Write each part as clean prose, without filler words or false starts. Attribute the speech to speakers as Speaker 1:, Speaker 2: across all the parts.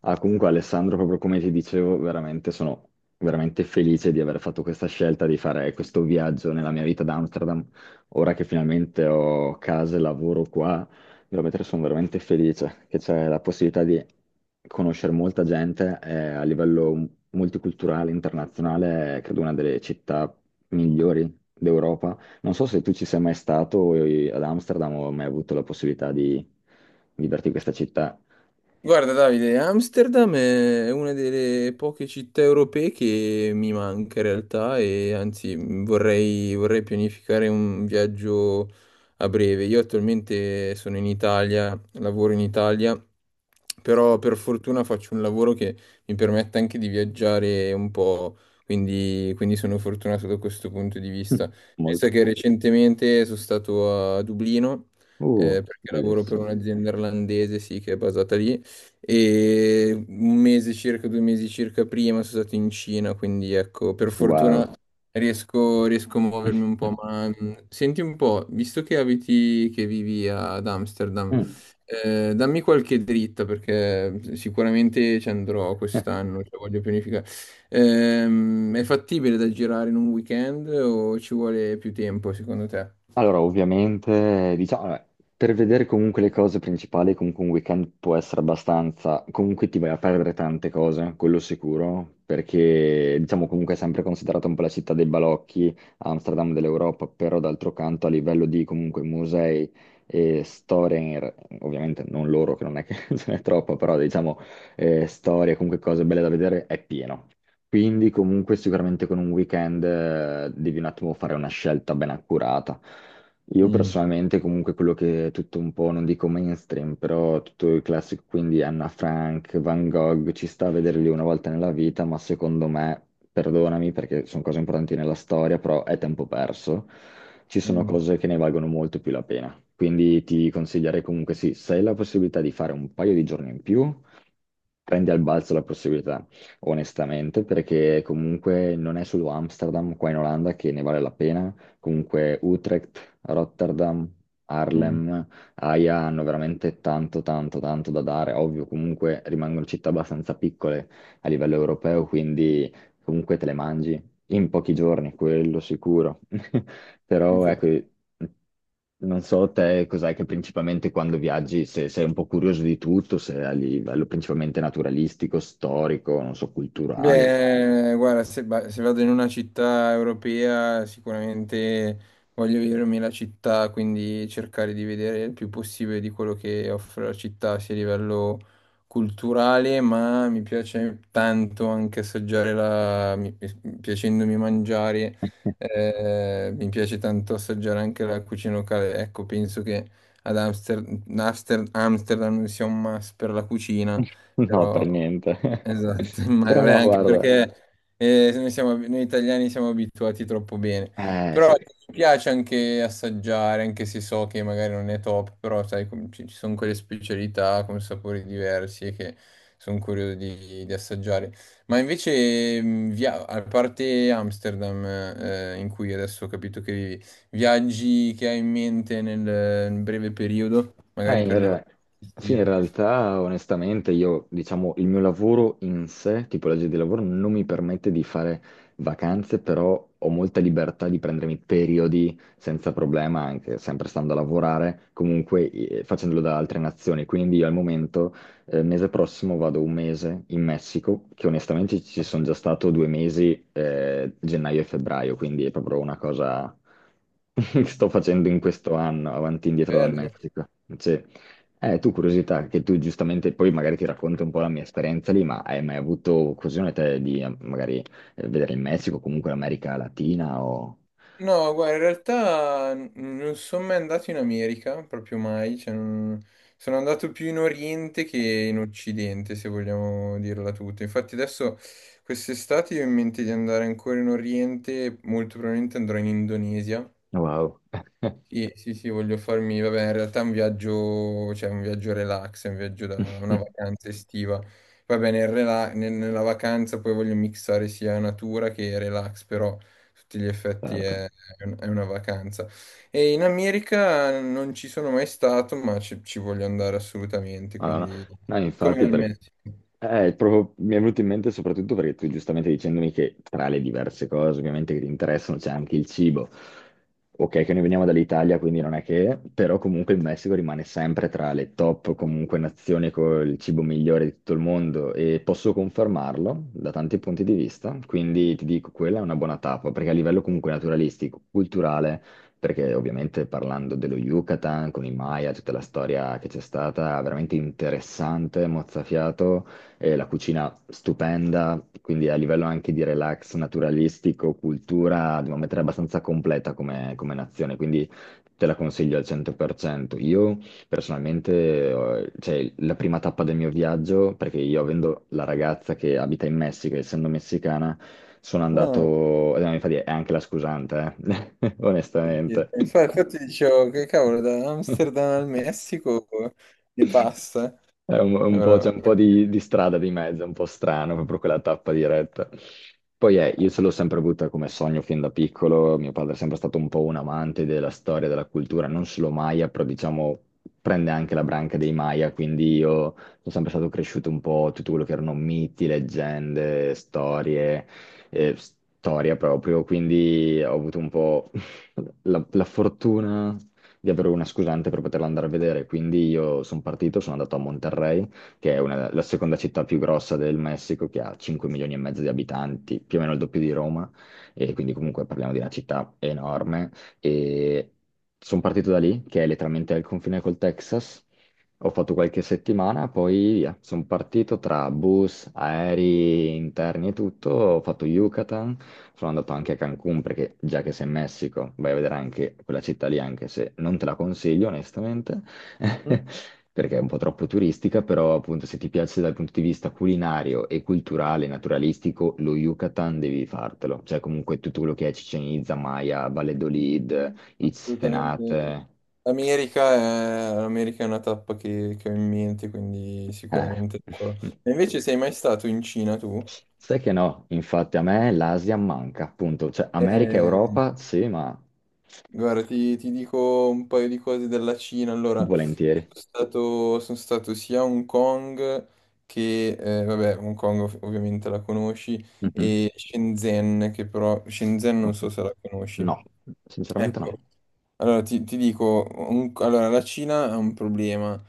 Speaker 1: Ah, comunque Alessandro, proprio come ti dicevo, veramente sono veramente felice di aver fatto questa scelta di fare questo viaggio nella mia vita ad Amsterdam. Ora che finalmente ho casa e lavoro qua, veramente sono veramente felice che c'è la possibilità di conoscere molta gente e a livello multiculturale, internazionale, è, credo una delle città migliori d'Europa. Non so se tu ci sei mai stato ad Amsterdam o hai mai avuto la possibilità di viverti in questa città.
Speaker 2: Guarda Davide, Amsterdam è una delle poche città europee che mi manca in realtà, e anzi vorrei pianificare un viaggio a breve. Io attualmente sono in Italia, lavoro in Italia, però per fortuna faccio un lavoro che mi permette anche di viaggiare un po', quindi sono fortunato da questo punto di vista. Penso
Speaker 1: Molto.
Speaker 2: che recentemente sono stato a Dublino,
Speaker 1: Uh,
Speaker 2: perché lavoro per
Speaker 1: bellezza.
Speaker 2: un'azienda irlandese, sì, che è basata lì, e un mese circa, due mesi circa prima sono stato in Cina, quindi ecco, per
Speaker 1: Wow.
Speaker 2: fortuna riesco a muovermi un po'. Ma senti un po', visto che vivi ad Amsterdam,
Speaker 1: Mm.
Speaker 2: dammi qualche dritta perché sicuramente ci andrò quest'anno, cioè voglio pianificare. È fattibile da girare in un weekend o ci vuole più tempo secondo te?
Speaker 1: Allora, ovviamente, diciamo, vabbè, per vedere comunque le cose principali, comunque un weekend può essere abbastanza, comunque ti vai a perdere tante cose, quello sicuro, perché diciamo comunque è sempre considerata un po' la città dei balocchi, Amsterdam dell'Europa, però d'altro canto a livello di comunque musei e storie, ovviamente non loro, che non è che ce n'è troppo, però diciamo storie, comunque cose belle da vedere, è pieno. Quindi comunque sicuramente con un weekend devi un attimo fare una scelta ben accurata. Io
Speaker 2: Mm,
Speaker 1: personalmente comunque quello che è tutto un po', non dico mainstream, però tutto il classico, quindi Anna Frank, Van Gogh, ci sta a vederli una volta nella vita, ma secondo me, perdonami perché sono cose importanti nella storia, però è tempo perso. Ci sono
Speaker 2: mm,
Speaker 1: cose che ne valgono molto più la pena. Quindi ti consiglierei comunque sì, se hai la possibilità di fare un paio di giorni in più prendi al balzo la possibilità, onestamente, perché comunque non è solo Amsterdam qua in Olanda che ne vale la pena, comunque Utrecht, Rotterdam,
Speaker 2: mm.
Speaker 1: Harlem, Haia hanno veramente tanto, tanto, tanto da dare. Ovvio, comunque rimangono città abbastanza piccole a livello europeo, quindi comunque te le mangi in pochi giorni, quello sicuro. Però ecco, non so te cos'è che principalmente quando viaggi, se sei un po' curioso di tutto, se a livello principalmente naturalistico, storico, non so, culturale.
Speaker 2: Beh, guarda, se vado in una città europea sicuramente voglio vedermi la città, quindi cercare di vedere il più possibile di quello che offre la città, sia a livello culturale, ma mi piace tanto anche assaggiare piacendomi mangiare, mi piace tanto assaggiare anche la cucina locale. Ecco, penso che ad Amsterdam sia un must per la cucina.
Speaker 1: No,
Speaker 2: Però,
Speaker 1: per niente.
Speaker 2: esatto, ma
Speaker 1: Però
Speaker 2: vabbè,
Speaker 1: no,
Speaker 2: anche
Speaker 1: guarda.
Speaker 2: perché noi italiani siamo abituati troppo bene.
Speaker 1: Eh
Speaker 2: Però
Speaker 1: sì.
Speaker 2: mi piace anche assaggiare, anche se so che magari non è top, però sai, ci sono quelle specialità con sapori diversi e che sono curioso di assaggiare. Ma invece, a parte Amsterdam, in cui adesso ho capito che vivi, viaggi che hai in mente nel breve periodo,
Speaker 1: Eh,
Speaker 2: magari
Speaker 1: in
Speaker 2: per le vacanze
Speaker 1: re- sì, in
Speaker 2: estive.
Speaker 1: realtà, onestamente, io, diciamo, il mio lavoro in sé, tipologia di lavoro, non mi permette di fare vacanze, però ho molta libertà di prendermi periodi senza problema, anche sempre stando a lavorare, comunque facendolo da altre nazioni. Quindi io al momento mese prossimo vado un mese in Messico, che onestamente ci sono già stato due mesi, gennaio e febbraio, quindi è proprio una cosa che sto facendo in questo anno, avanti e indietro dal
Speaker 2: Bello.
Speaker 1: Messico. Cioè, tu curiosità, che tu giustamente poi magari ti racconti un po' la mia esperienza lì, ma hai mai avuto occasione te di magari vedere il Messico, comunque l'America Latina o...
Speaker 2: No, guarda, in realtà non sono mai andato in America, proprio mai, cioè, sono andato più in Oriente che in Occidente, se vogliamo dirla tutta. Infatti adesso quest'estate io ho in mente di andare ancora in Oriente, molto probabilmente andrò in Indonesia.
Speaker 1: Wow.
Speaker 2: Sì, sì, sì, voglio farmi, vabbè, in realtà è un viaggio, cioè un viaggio relax, è un viaggio da una vacanza estiva. Va bene, nella vacanza poi voglio mixare sia natura che relax, però a tutti gli effetti
Speaker 1: Certo.
Speaker 2: è una vacanza. E in America non ci sono mai stato, ma ci voglio andare assolutamente,
Speaker 1: Ah, no, no,
Speaker 2: quindi
Speaker 1: no,
Speaker 2: come
Speaker 1: infatti
Speaker 2: al
Speaker 1: perché...
Speaker 2: Messico.
Speaker 1: Proprio- mi è venuto in mente soprattutto perché tu giustamente dicendomi che tra le diverse cose ovviamente che ti interessano c'è anche il cibo. Ok, che noi veniamo dall'Italia, quindi non è che, però comunque il Messico rimane sempre tra le top comunque nazioni con il cibo migliore di tutto il mondo e posso confermarlo da tanti punti di vista, quindi ti dico quella è una buona tappa perché a livello comunque naturalistico, culturale, perché ovviamente parlando dello Yucatan con i Maya, tutta la storia che c'è stata, veramente interessante, mozzafiato la cucina stupenda, quindi a livello anche di relax naturalistico, cultura, dobbiamo mettere abbastanza completa come, nazione, quindi te la consiglio al 100%. Io personalmente, cioè, la prima tappa del mio viaggio, perché io avendo la ragazza che abita in Messico, essendo messicana, sono
Speaker 2: Ah, ho
Speaker 1: andato, infatti è anche la scusante, onestamente.
Speaker 2: capito. Infatti dicevo che cavolo, da Amsterdam al Messico ne passa.
Speaker 1: È un po',
Speaker 2: Allora,
Speaker 1: c'è un po' di strada di mezzo, è un po' strano, proprio quella tappa diretta. Poi io ce l'ho sempre avuta come sogno fin da piccolo, mio padre è sempre stato un po' un amante della storia, della cultura, non solo Maya, però diciamo prende anche la branca dei Maya, quindi io sono sempre stato cresciuto un po' tutto quello che erano miti, leggende, storie, storia proprio, quindi ho avuto un po' la fortuna di avere una scusante per poterla andare a vedere. Quindi io sono partito, sono andato a Monterrey, la seconda città più grossa del Messico, che ha 5 milioni e mezzo di abitanti, più o meno il doppio di Roma, e quindi comunque parliamo di una città enorme. E sono partito da lì, che è letteralmente al confine col Texas. Ho fatto qualche settimana, poi via. Sono partito tra bus, aerei interni e tutto. Ho fatto Yucatan, sono andato anche a Cancun perché già che sei in Messico vai a vedere anche quella città lì, anche se non te la consiglio onestamente, perché è un po' troppo turistica, però appunto se ti piace dal punto di vista culinario e culturale, naturalistico, lo Yucatan devi fartelo. Cioè comunque tutto quello che è Chichen Itza, Maya, Valladolid,
Speaker 2: assolutamente.
Speaker 1: Itzenate.
Speaker 2: L'America è una tappa che ho in mente, quindi
Speaker 1: Eh.
Speaker 2: sicuramente lo farò. E invece sei mai stato in Cina tu?
Speaker 1: Sai che no, infatti a me l'Asia manca, appunto, cioè America e
Speaker 2: Eh,
Speaker 1: Europa sì, ma
Speaker 2: guarda, ti dico un paio di cose della Cina. Allora, io
Speaker 1: volentieri.
Speaker 2: sono stato sia a Hong Kong che, vabbè, Hong Kong ovviamente la conosci,
Speaker 1: Mhm.
Speaker 2: e Shenzhen, che però Shenzhen non
Speaker 1: Ok.
Speaker 2: so se la conosci.
Speaker 1: No, sinceramente no.
Speaker 2: Ecco, allora, ti dico, allora, la Cina ha un problema. Mm.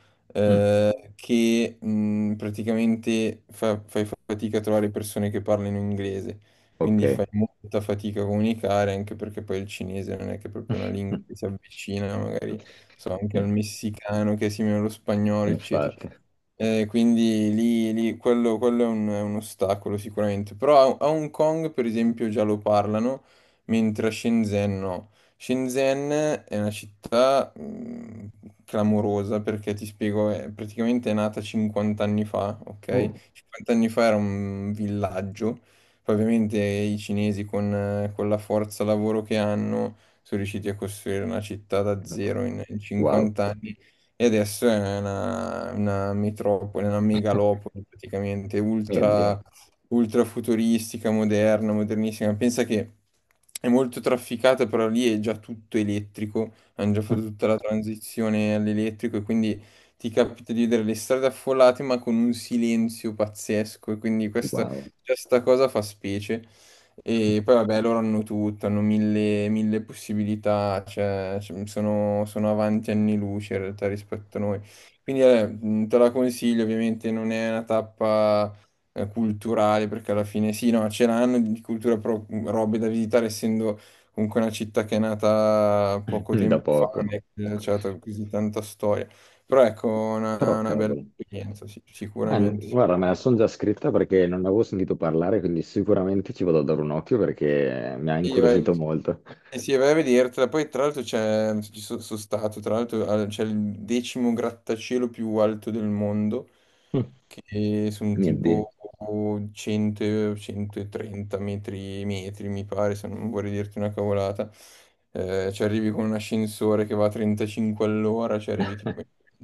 Speaker 1: Mm,
Speaker 2: che praticamente fai fatica a trovare persone che parlino inglese,
Speaker 1: ok.
Speaker 2: quindi fai molta fatica a comunicare, anche perché poi il cinese non è che è proprio una lingua che si avvicina magari so, anche al
Speaker 1: In-
Speaker 2: messicano che è simile allo spagnolo, eccetera.
Speaker 1: Infatti.
Speaker 2: Quindi quello è un ostacolo sicuramente, però a Hong Kong per esempio già lo parlano, mentre a Shenzhen no. Shenzhen è una città clamorosa perché ti spiego, è praticamente è nata 50 anni fa,
Speaker 1: Uh,
Speaker 2: ok? 50 anni fa era un villaggio, poi ovviamente i cinesi con la forza lavoro che hanno sono riusciti a costruire una città da zero in
Speaker 1: wow,
Speaker 2: 50 anni, e adesso è una metropoli, una megalopoli praticamente,
Speaker 1: mio
Speaker 2: ultra,
Speaker 1: Dio.
Speaker 2: ultra futuristica, moderna, modernissima. Pensa che è molto trafficata, però lì è già tutto elettrico, hanno già fatto tutta la transizione all'elettrico, e quindi ti capita di vedere le strade affollate ma con un silenzio pazzesco, e quindi questa,
Speaker 1: Wow,
Speaker 2: questa cosa fa specie. E poi vabbè, loro hanno tutto, hanno mille possibilità, cioè, sono avanti anni luce in realtà rispetto a noi. Quindi te la consiglio, ovviamente non è una tappa culturale, perché alla fine sì, no, ce l'hanno di cultura, però robe da visitare, essendo comunque una città che è nata poco
Speaker 1: da
Speaker 2: tempo fa, non
Speaker 1: poco.
Speaker 2: è che c'è stata così tanta storia. Però ecco,
Speaker 1: Però
Speaker 2: una bella
Speaker 1: cavolo.
Speaker 2: esperienza, sì, sicuramente,
Speaker 1: Guarda, me la
Speaker 2: sicuramente.
Speaker 1: sono già scritta perché non ne avevo sentito parlare, quindi sicuramente ci vado a dare un occhio perché mi ha
Speaker 2: Sì, vai.
Speaker 1: incuriosito molto.
Speaker 2: Eh sì, vai a vedertela. Poi, tra l'altro, sono stato, tra l'altro, c'è il decimo grattacielo più alto del mondo, che sono
Speaker 1: Niente.
Speaker 2: tipo 100, 130 metri, mi pare, se non vorrei dirti una cavolata. Ci arrivi con un ascensore che va a 35 all'ora, ci arrivi tipo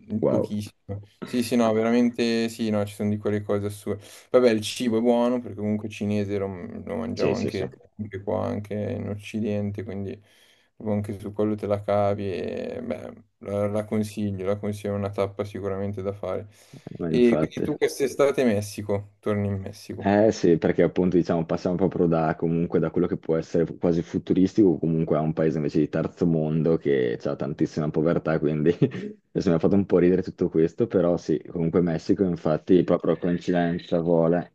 Speaker 2: in
Speaker 1: Wow.
Speaker 2: pochissimo. Sì, sì, no, veramente sì, no, ci sono di quelle cose assurde. Vabbè, il cibo è buono perché comunque cinese lo mangiamo
Speaker 1: Sì, sì, sì.
Speaker 2: anche qua, anche in Occidente, quindi proprio anche su quello te la cavi. E beh, la consiglio, la consiglio, è una tappa sicuramente da fare.
Speaker 1: Ma
Speaker 2: E quindi
Speaker 1: infatti.
Speaker 2: tu quest'estate in Messico, torni in Messico.
Speaker 1: Eh sì, perché appunto diciamo passiamo proprio da, comunque, da quello che può essere quasi futuristico, comunque a un paese invece di terzo mondo che ha tantissima povertà, quindi adesso mi ha fatto un po' ridere tutto questo, però sì, comunque Messico infatti proprio a coincidenza vuole.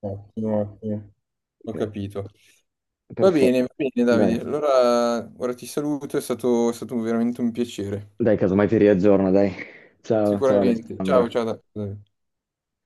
Speaker 2: Ottimo, ottimo, ho
Speaker 1: Eh,
Speaker 2: capito.
Speaker 1: Perfetto,
Speaker 2: Va bene Davide,
Speaker 1: dai,
Speaker 2: allora ora ti saluto, è stato veramente un piacere.
Speaker 1: dai, casomai ti riaggiorno, dai. Ciao, ciao
Speaker 2: Sicuramente. Ciao,
Speaker 1: Alessandro.
Speaker 2: ciao Davide.